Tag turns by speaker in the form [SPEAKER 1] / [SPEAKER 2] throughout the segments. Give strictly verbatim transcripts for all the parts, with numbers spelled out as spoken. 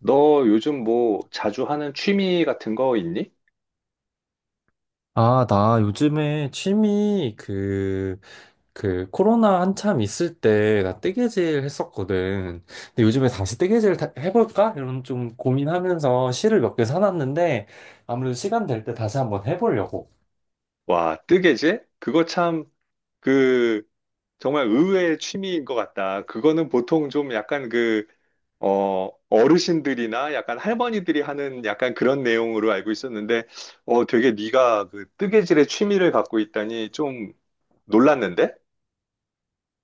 [SPEAKER 1] 너 요즘 뭐 자주 하는 취미 같은 거 있니?
[SPEAKER 2] 아, 나 요즘에 취미 그, 그 코로나 한참 있을 때 나 뜨개질 했었거든. 근데 요즘에 다시 뜨개질 다- 해볼까? 이런 좀 고민하면서 실을 몇 개 사놨는데 아무래도 시간 될 때 다시 한번 해보려고.
[SPEAKER 1] 와, 뜨개질? 그거 참, 그, 정말 의외의 취미인 것 같다. 그거는 보통 좀 약간 그, 어, 어르신들이나 약간 할머니들이 하는 약간 그런 내용으로 알고 있었는데, 어, 되게 네가 그 뜨개질의 취미를 갖고 있다니 좀 놀랐는데?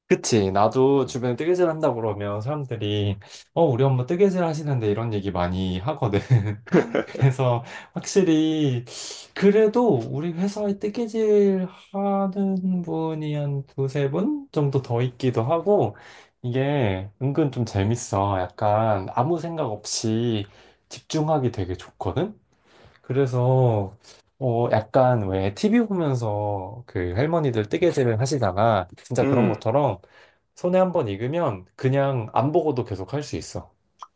[SPEAKER 2] 그치? 나도 주변에 뜨개질 한다 그러면 사람들이 어, 우리 엄마 뜨개질 하시는데 이런 얘기 많이 하거든. 그래서 확실히 그래도 우리 회사에 뜨개질 하는 분이 한 두세 분 정도 더 있기도 하고 이게 은근 좀 재밌어. 약간 아무 생각 없이 집중하기 되게 좋거든. 그래서 어 약간 왜 티비 보면서 그 할머니들 뜨개질을 하시다가 진짜 그런
[SPEAKER 1] 음.
[SPEAKER 2] 것처럼 손에 한번 익으면 그냥 안 보고도 계속 할 수 있어.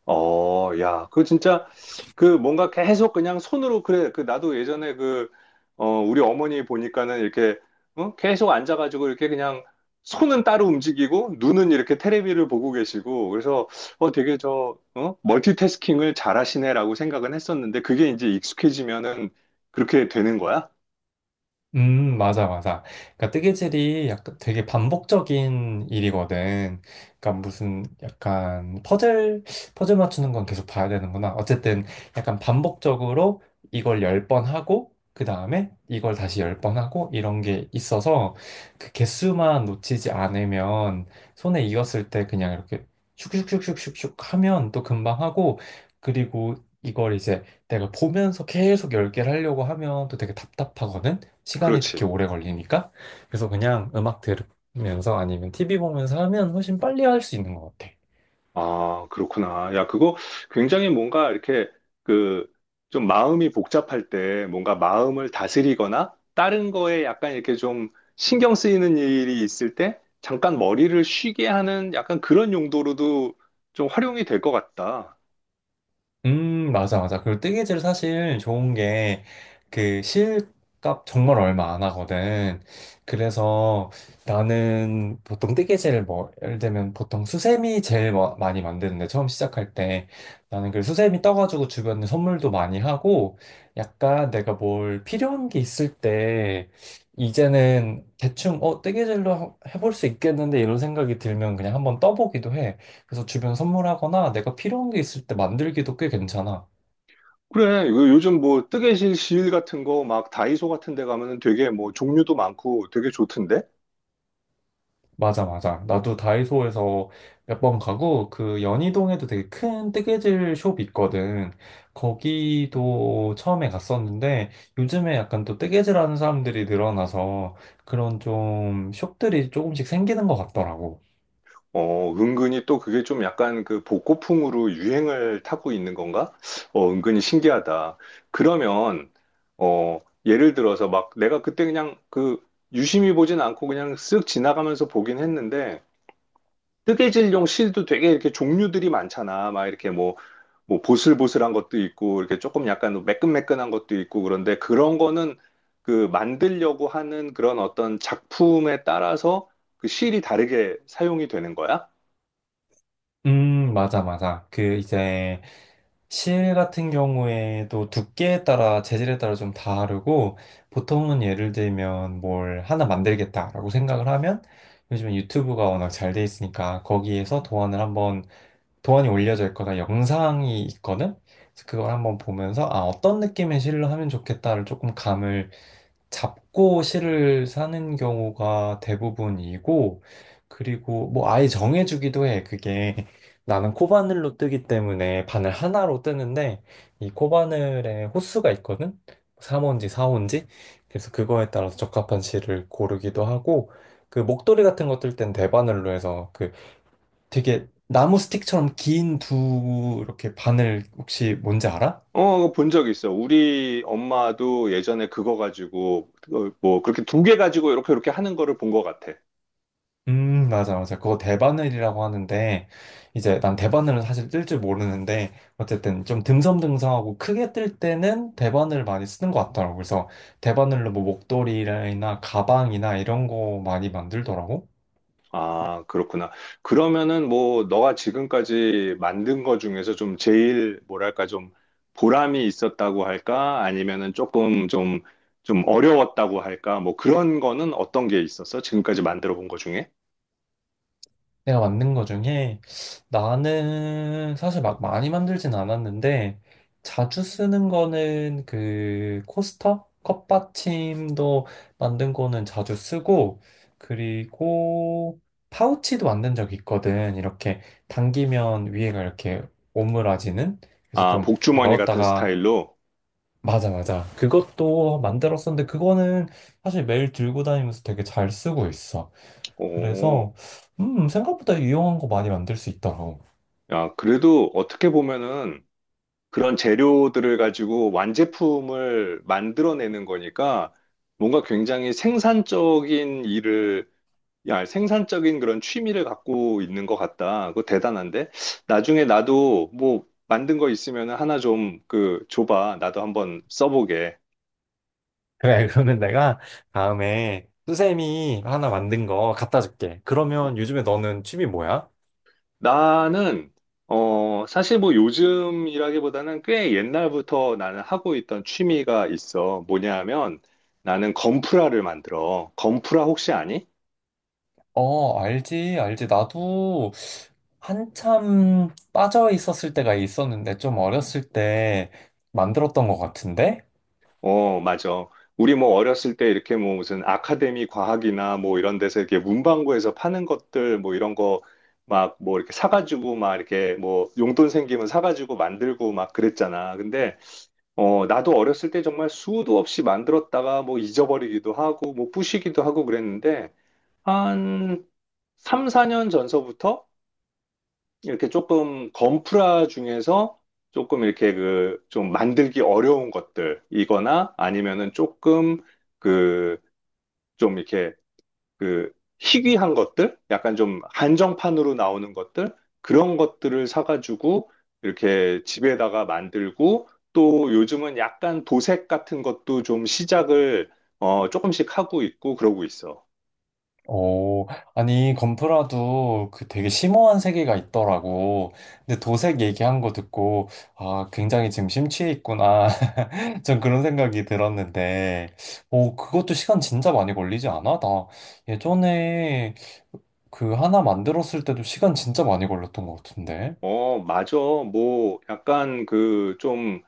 [SPEAKER 1] 어, 야, 그거 진짜, 그 뭔가 계속 그냥 손으로, 그래, 그 나도 예전에 그, 어, 우리 어머니 보니까는 이렇게, 어? 계속 앉아가지고 이렇게 그냥 손은 따로 움직이고, 눈은 이렇게 테레비를 보고 계시고, 그래서, 어, 되게 저, 어? 멀티태스킹을 잘하시네라고 생각은 했었는데, 그게 이제 익숙해지면은 그렇게 되는 거야?
[SPEAKER 2] 음, 맞아, 맞아. 그러니까 뜨개질이 약간 되게 반복적인 일이거든. 그러니까 무슨 약간 퍼즐, 퍼즐 맞추는 건 계속 봐야 되는구나. 어쨌든 약간 반복적으로 이걸 열 번 하고, 그 다음에 이걸 다시 열 번 하고, 이런 게 있어서 그 개수만 놓치지 않으면 손에 익었을 때 그냥 이렇게 슉슉슉슉슉슉 하면 또 금방 하고, 그리고 이걸 이제 내가 보면서 계속 열 개를 하려고 하면 또 되게 답답하거든. 시간이
[SPEAKER 1] 그렇지.
[SPEAKER 2] 특히 오래 걸리니까. 그래서 그냥 음악 들으면서 아니면 티비 보면서 하면 훨씬 빨리 할 수 있는 것 같아.
[SPEAKER 1] 아, 그렇구나. 야, 그거 굉장히 뭔가 이렇게 그 좀 마음이 복잡할 때 뭔가 마음을 다스리거나 다른 거에 약간 이렇게 좀 신경 쓰이는 일이 있을 때 잠깐 머리를 쉬게 하는 약간 그런 용도로도 좀 활용이 될 것 같다.
[SPEAKER 2] 음, 맞아, 맞아. 그리고 뜨개질 사실 좋은 게 그 실값 정말 얼마 안 하거든. 그래서 나는 보통 뜨개질을 뭐, 예를 들면 보통 수세미 제일 마- 많이 만드는데 처음 시작할 때 나는 그 수세미 떠가지고 주변에 선물도 많이 하고 약간 내가 뭘 필요한 게 있을 때 이제는 대충 어, 뜨개질로 하- 해볼 수 있겠는데 이런 생각이 들면 그냥 한번 떠보기도 해. 그래서 주변 선물하거나 내가 필요한 게 있을 때 만들기도 꽤 괜찮아.
[SPEAKER 1] 그래, 요- 요즘 뭐 뜨개질 실 같은 거 막 다이소 같은 데 가면은 되게 뭐 종류도 많고 되게 좋던데?
[SPEAKER 2] 맞아, 맞아. 나도 다이소에서 몇 번 가고, 그 연희동에도 되게 큰 뜨개질 숍이 있거든. 거기도 처음에 갔었는데, 요즘에 약간 또 뜨개질 하는 사람들이 늘어나서 그런 좀 숍들이 조금씩 생기는 것 같더라고.
[SPEAKER 1] 어, 은근히 또 그게 좀 약간 그 복고풍으로 유행을 타고 있는 건가? 어, 은근히 신기하다. 그러면, 어, 예를 들어서 막 내가 그때 그냥 그 유심히 보진 않고 그냥 쓱 지나가면서 보긴 했는데, 뜨개질용 실도 되게 이렇게 종류들이 많잖아. 막 이렇게 뭐, 뭐 보슬보슬한 것도 있고, 이렇게 조금 약간 매끈매끈한 것도 있고, 그런데 그런 거는 그 만들려고 하는 그런 어떤 작품에 따라서 그 실이 다르게 사용이 되는 거야?
[SPEAKER 2] 음, 맞아, 맞아. 그 이제 실 같은 경우에도 두께에 따라 재질에 따라 좀 다르고 보통은 예를 들면 뭘 하나 만들겠다라고 생각을 하면 요즘에 유튜브가 워낙 잘 돼 있으니까 거기에서 도안을 한번 도안이 올려져 있거나 영상이 있거든. 그래서 그걸 한번 보면서 아, 어떤 느낌의 실로 하면 좋겠다를 조금 감을 잡고 실을 사는 경우가 대부분이고, 그리고 뭐 아예 정해주기도 해. 그게 나는 코바늘로 뜨기 때문에 바늘 하나로 뜨는데, 이 코바늘에 호수가 있거든? 삼 호인지 사 호인지? 그래서 그거에 따라서 적합한 실을 고르기도 하고, 그 목도리 같은 거 뜰 땐 대바늘로 해서 그 되게 나무 스틱처럼 긴 두 이렇게 바늘 혹시 뭔지 알아?
[SPEAKER 1] 어, 본 적 있어. 우리 엄마도 예전에 그거 가지고, 어, 뭐, 그렇게 두 개 가지고 이렇게 이렇게 하는 거를 본 것 같아.
[SPEAKER 2] 음, 맞아, 맞아. 그거 대바늘이라고 하는데, 이제 난 대바늘은 사실 뜰 줄 모르는데, 어쨌든 좀 듬성듬성하고 크게 뜰 때는 대바늘 많이 쓰는 것 같더라고. 그래서 대바늘로 뭐 목도리나 가방이나 이런 거 많이 만들더라고.
[SPEAKER 1] 아, 그렇구나. 그러면은 뭐, 너가 지금까지 만든 거 중에서 좀 제일, 뭐랄까, 좀 보람이 있었다고 할까? 아니면은 조금 좀, 좀 어려웠다고 할까? 뭐 그런 거는 어떤 게 있었어? 지금까지 만들어 본 거 중에?
[SPEAKER 2] 내가 만든 거 중에 나는 사실 막 많이 만들진 않았는데 자주 쓰는 거는 그 코스터? 컵받침도 만든 거는 자주 쓰고 그리고 파우치도 만든 적 있거든. 이렇게 당기면 위에가 이렇게 오므라지는 그래서
[SPEAKER 1] 아,
[SPEAKER 2] 좀
[SPEAKER 1] 복주머니 같은
[SPEAKER 2] 열었다가
[SPEAKER 1] 스타일로?
[SPEAKER 2] 맞아, 맞아. 그것도 만들었었는데 그거는 사실 매일 들고 다니면서 되게 잘 쓰고 있어.
[SPEAKER 1] 오,
[SPEAKER 2] 그래서 음, 생각보다 유용한 거 많이 만들 수 있더라고.
[SPEAKER 1] 야, 그래도 어떻게 보면은, 그런 재료들을 가지고 완제품을 만들어내는 거니까 뭔가 굉장히 생산적인 일을, 야, 생산적인 그런 취미를 갖고 있는 것 같다. 그거 대단한데? 나중에 나도 뭐 만든 거 있으면 하나 좀 그 줘봐. 나도 한번 써보게.
[SPEAKER 2] 그래, 그러면 내가 다음에 수세미 하나 만든 거 갖다 줄게. 그러면 요즘에 너는 취미 뭐야?
[SPEAKER 1] 나는, 어, 사실 뭐 요즘이라기보다는 꽤 옛날부터 나는 하고 있던 취미가 있어. 뭐냐 하면 나는 건프라를 만들어. 건프라 혹시 아니?
[SPEAKER 2] 어, 알지, 알지. 나도 한참 빠져 있었을 때가 있었는데, 좀 어렸을 때 만들었던 것 같은데?
[SPEAKER 1] 어, 맞아. 우리 뭐 어렸을 때 이렇게 뭐 무슨 아카데미 과학이나 뭐 이런 데서 이렇게 문방구에서 파는 것들 뭐 이런 거 막 뭐 이렇게 사가지고 막 이렇게 뭐 용돈 생기면 사가지고 만들고 막 그랬잖아. 근데 어, 나도 어렸을 때 정말 수도 없이 만들었다가 뭐 잊어버리기도 하고 뭐 부시기도 하고 그랬는데 한 삼, 사 년 전서부터 이렇게 조금 건프라 중에서 조금 이렇게 그 좀 만들기 어려운 것들이거나 아니면은 조금 그 좀 이렇게 그 희귀한 것들, 약간 좀 한정판으로 나오는 것들 그런 것들을 사가지고 이렇게 집에다가 만들고 또 요즘은 약간 도색 같은 것도 좀 시작을 어 조금씩 하고 있고 그러고 있어.
[SPEAKER 2] 오, 아니, 건프라도 그 되게 심오한 세계가 있더라고. 근데 도색 얘기한 거 듣고, 아, 굉장히 지금 심취해 있구나. 전 그런 생각이 들었는데, 오, 그것도 시간 진짜 많이 걸리지 않아? 나 예전에 그 하나 만들었을 때도 시간 진짜 많이 걸렸던 것 같은데.
[SPEAKER 1] 어, 맞아. 뭐 약간 그좀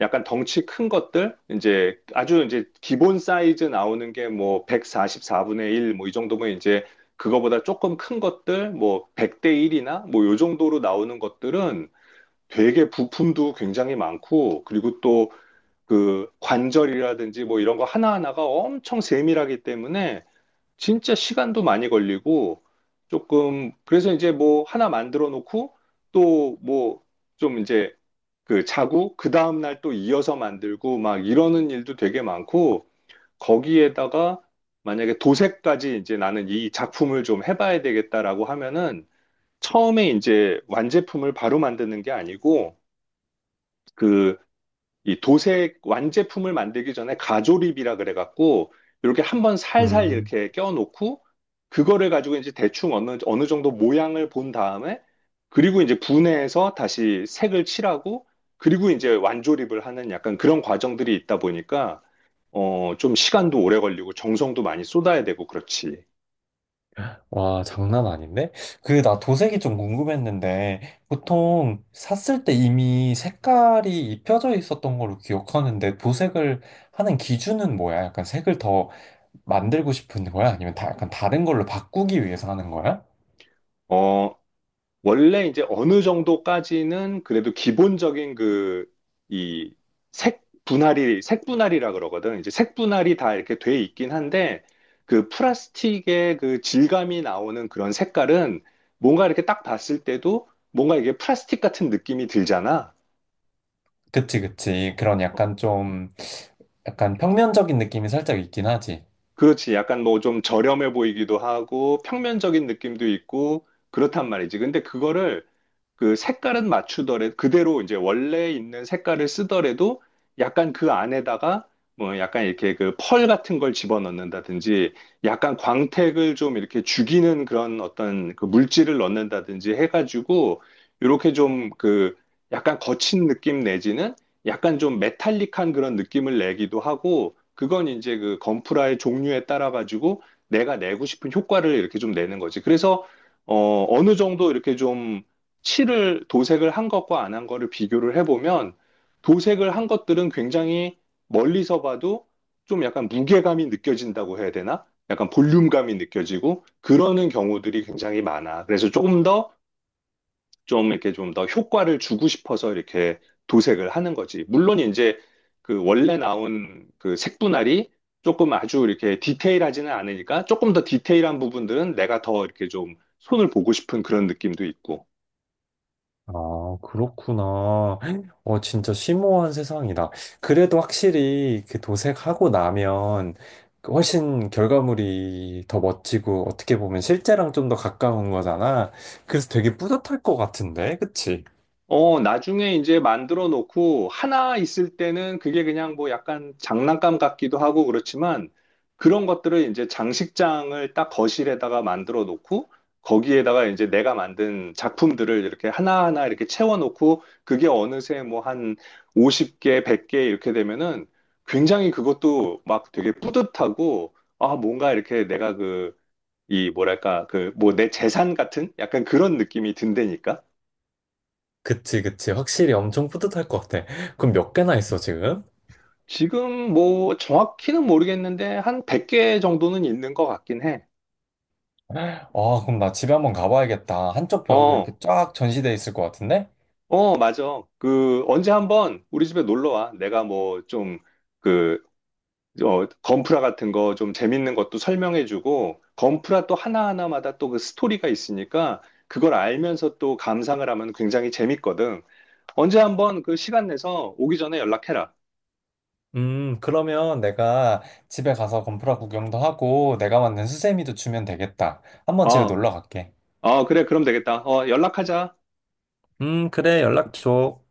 [SPEAKER 1] 약간 덩치 큰 것들 이제 아주 이제 기본 사이즈 나오는 게 뭐 백사십사 분의 일 뭐 이 정도면 이제 그거보다 조금 큰 것들 뭐 백 대 일이나 뭐 요 정도로 나오는 것들은 되게 부품도 굉장히 많고 그리고 또 그 관절이라든지 뭐 이런 거 하나하나가 엄청 세밀하기 때문에 진짜 시간도 많이 걸리고 조금 그래서 이제 뭐 하나 만들어 놓고 또 뭐 좀 이제 그 차고 그 다음 날 또 이어서 만들고 막 이러는 일도 되게 많고 거기에다가 만약에 도색까지 이제 나는 이 작품을 좀 해봐야 되겠다라고 하면은 처음에 이제 완제품을 바로 만드는 게 아니고 그 이 도색 완제품을 만들기 전에 가조립이라 그래갖고 이렇게 한번 살살
[SPEAKER 2] 음.
[SPEAKER 1] 이렇게 껴놓고 그거를 가지고 이제 대충 어느, 어느 정도 모양을 본 다음에 그리고 이제 분해해서 다시 색을 칠하고 그리고 이제 완조립을 하는 약간 그런 과정들이 있다 보니까 어, 좀 시간도 오래 걸리고 정성도 많이 쏟아야 되고 그렇지.
[SPEAKER 2] 와, 장난 아닌데? 그, 나 도색이 좀 궁금했는데, 보통 샀을 때 이미 색깔이 입혀져 있었던 걸로 기억하는데, 도색을 하는 기준은 뭐야? 약간 색을 더 만들고 싶은 거야? 아니면 다, 약간 다른 걸로 바꾸기 위해서 하는 거야?
[SPEAKER 1] 어, 원래 이제 어느 정도까지는 그래도 기본적인 그, 이 색 분할이, 색 분할이라 그러거든. 이제 색 분할이 다 이렇게 돼 있긴 한데, 그 플라스틱의 그 질감이 나오는 그런 색깔은 뭔가 이렇게 딱 봤을 때도 뭔가 이게 플라스틱 같은 느낌이 들잖아.
[SPEAKER 2] 그치, 그치. 그런 약간 좀, 약간 평면적인 느낌이 살짝 있긴 하지.
[SPEAKER 1] 그렇지. 약간 뭐 좀 저렴해 보이기도 하고, 평면적인 느낌도 있고, 그렇단 말이지. 근데 그거를 그 색깔은 맞추더라도 그대로 이제 원래 있는 색깔을 쓰더라도 약간 그 안에다가 뭐 약간 이렇게 그 펄 같은 걸 집어넣는다든지 약간 광택을 좀 이렇게 죽이는 그런 어떤 그 물질을 넣는다든지 해가지고 이렇게 좀 그 약간 거친 느낌 내지는 약간 좀 메탈릭한 그런 느낌을 내기도 하고 그건 이제 그 건프라의 종류에 따라 가지고 내가 내고 싶은 효과를 이렇게 좀 내는 거지. 그래서 어, 어느 정도 이렇게 좀 칠을 도색을 한 것과 안 한 거를 비교를 해보면 도색을 한 것들은 굉장히 멀리서 봐도 좀 약간 무게감이 느껴진다고 해야 되나? 약간 볼륨감이 느껴지고 그러는 경우들이 굉장히 많아. 그래서 조금 더 좀 이렇게 좀 더 효과를 주고 싶어서 이렇게 도색을 하는 거지. 물론 이제 그 원래 나온 그 색분할이 조금 아주 이렇게 디테일하지는 않으니까 조금 더 디테일한 부분들은 내가 더 이렇게 좀 손을 보고 싶은 그런 느낌도 있고.
[SPEAKER 2] 아, 그렇구나. 어, 진짜 심오한 세상이다. 그래도 확실히 그 도색하고 나면 그 훨씬 결과물이 더 멋지고 어떻게 보면 실제랑 좀 더 가까운 거잖아. 그래서 되게 뿌듯할 것 같은데, 그치?
[SPEAKER 1] 어, 나중에 이제 만들어 놓고 하나 있을 때는 그게 그냥 뭐 약간 장난감 같기도 하고 그렇지만 그런 것들을 이제 장식장을 딱 거실에다가 만들어 놓고 거기에다가 이제 내가 만든 작품들을 이렇게 하나하나 이렇게 채워 놓고 그게 어느새 뭐 한 오십 개, 백 개 이렇게 되면은 굉장히 그것도 막 되게 뿌듯하고 아, 뭔가 이렇게 내가 그 이 뭐랄까 그 뭐 내 재산 같은 약간 그런 느낌이 든다니까.
[SPEAKER 2] 그치, 그치. 확실히 엄청 뿌듯할 것 같아. 그럼 몇 개나 있어, 지금?
[SPEAKER 1] 지금 뭐 정확히는 모르겠는데 한 백 개 정도는 있는 것 같긴 해.
[SPEAKER 2] 아, 그럼 나 집에 한번 가봐야겠다. 한쪽 벽에
[SPEAKER 1] 어,
[SPEAKER 2] 이렇게 쫙 전시돼 있을 것 같은데?
[SPEAKER 1] 어, 맞아. 그 언제 한번 우리 집에 놀러 와. 내가 뭐 좀 그, 어, 건프라 같은 거 좀 재밌는 것도 설명해주고 건프라 또 하나하나마다 또 그 스토리가 있으니까 그걸 알면서 또 감상을 하면 굉장히 재밌거든. 언제 한번 그 시간 내서 오기 전에 연락해라.
[SPEAKER 2] 음, 그러면 내가 집에 가서 건프라 구경도 하고 내가 만든 수세미도 주면 되겠다. 한번 집에
[SPEAKER 1] 어,
[SPEAKER 2] 놀러 갈게.
[SPEAKER 1] 어, 그래, 그럼 되겠다. 어, 연락하자.
[SPEAKER 2] 음, 그래, 연락 줘.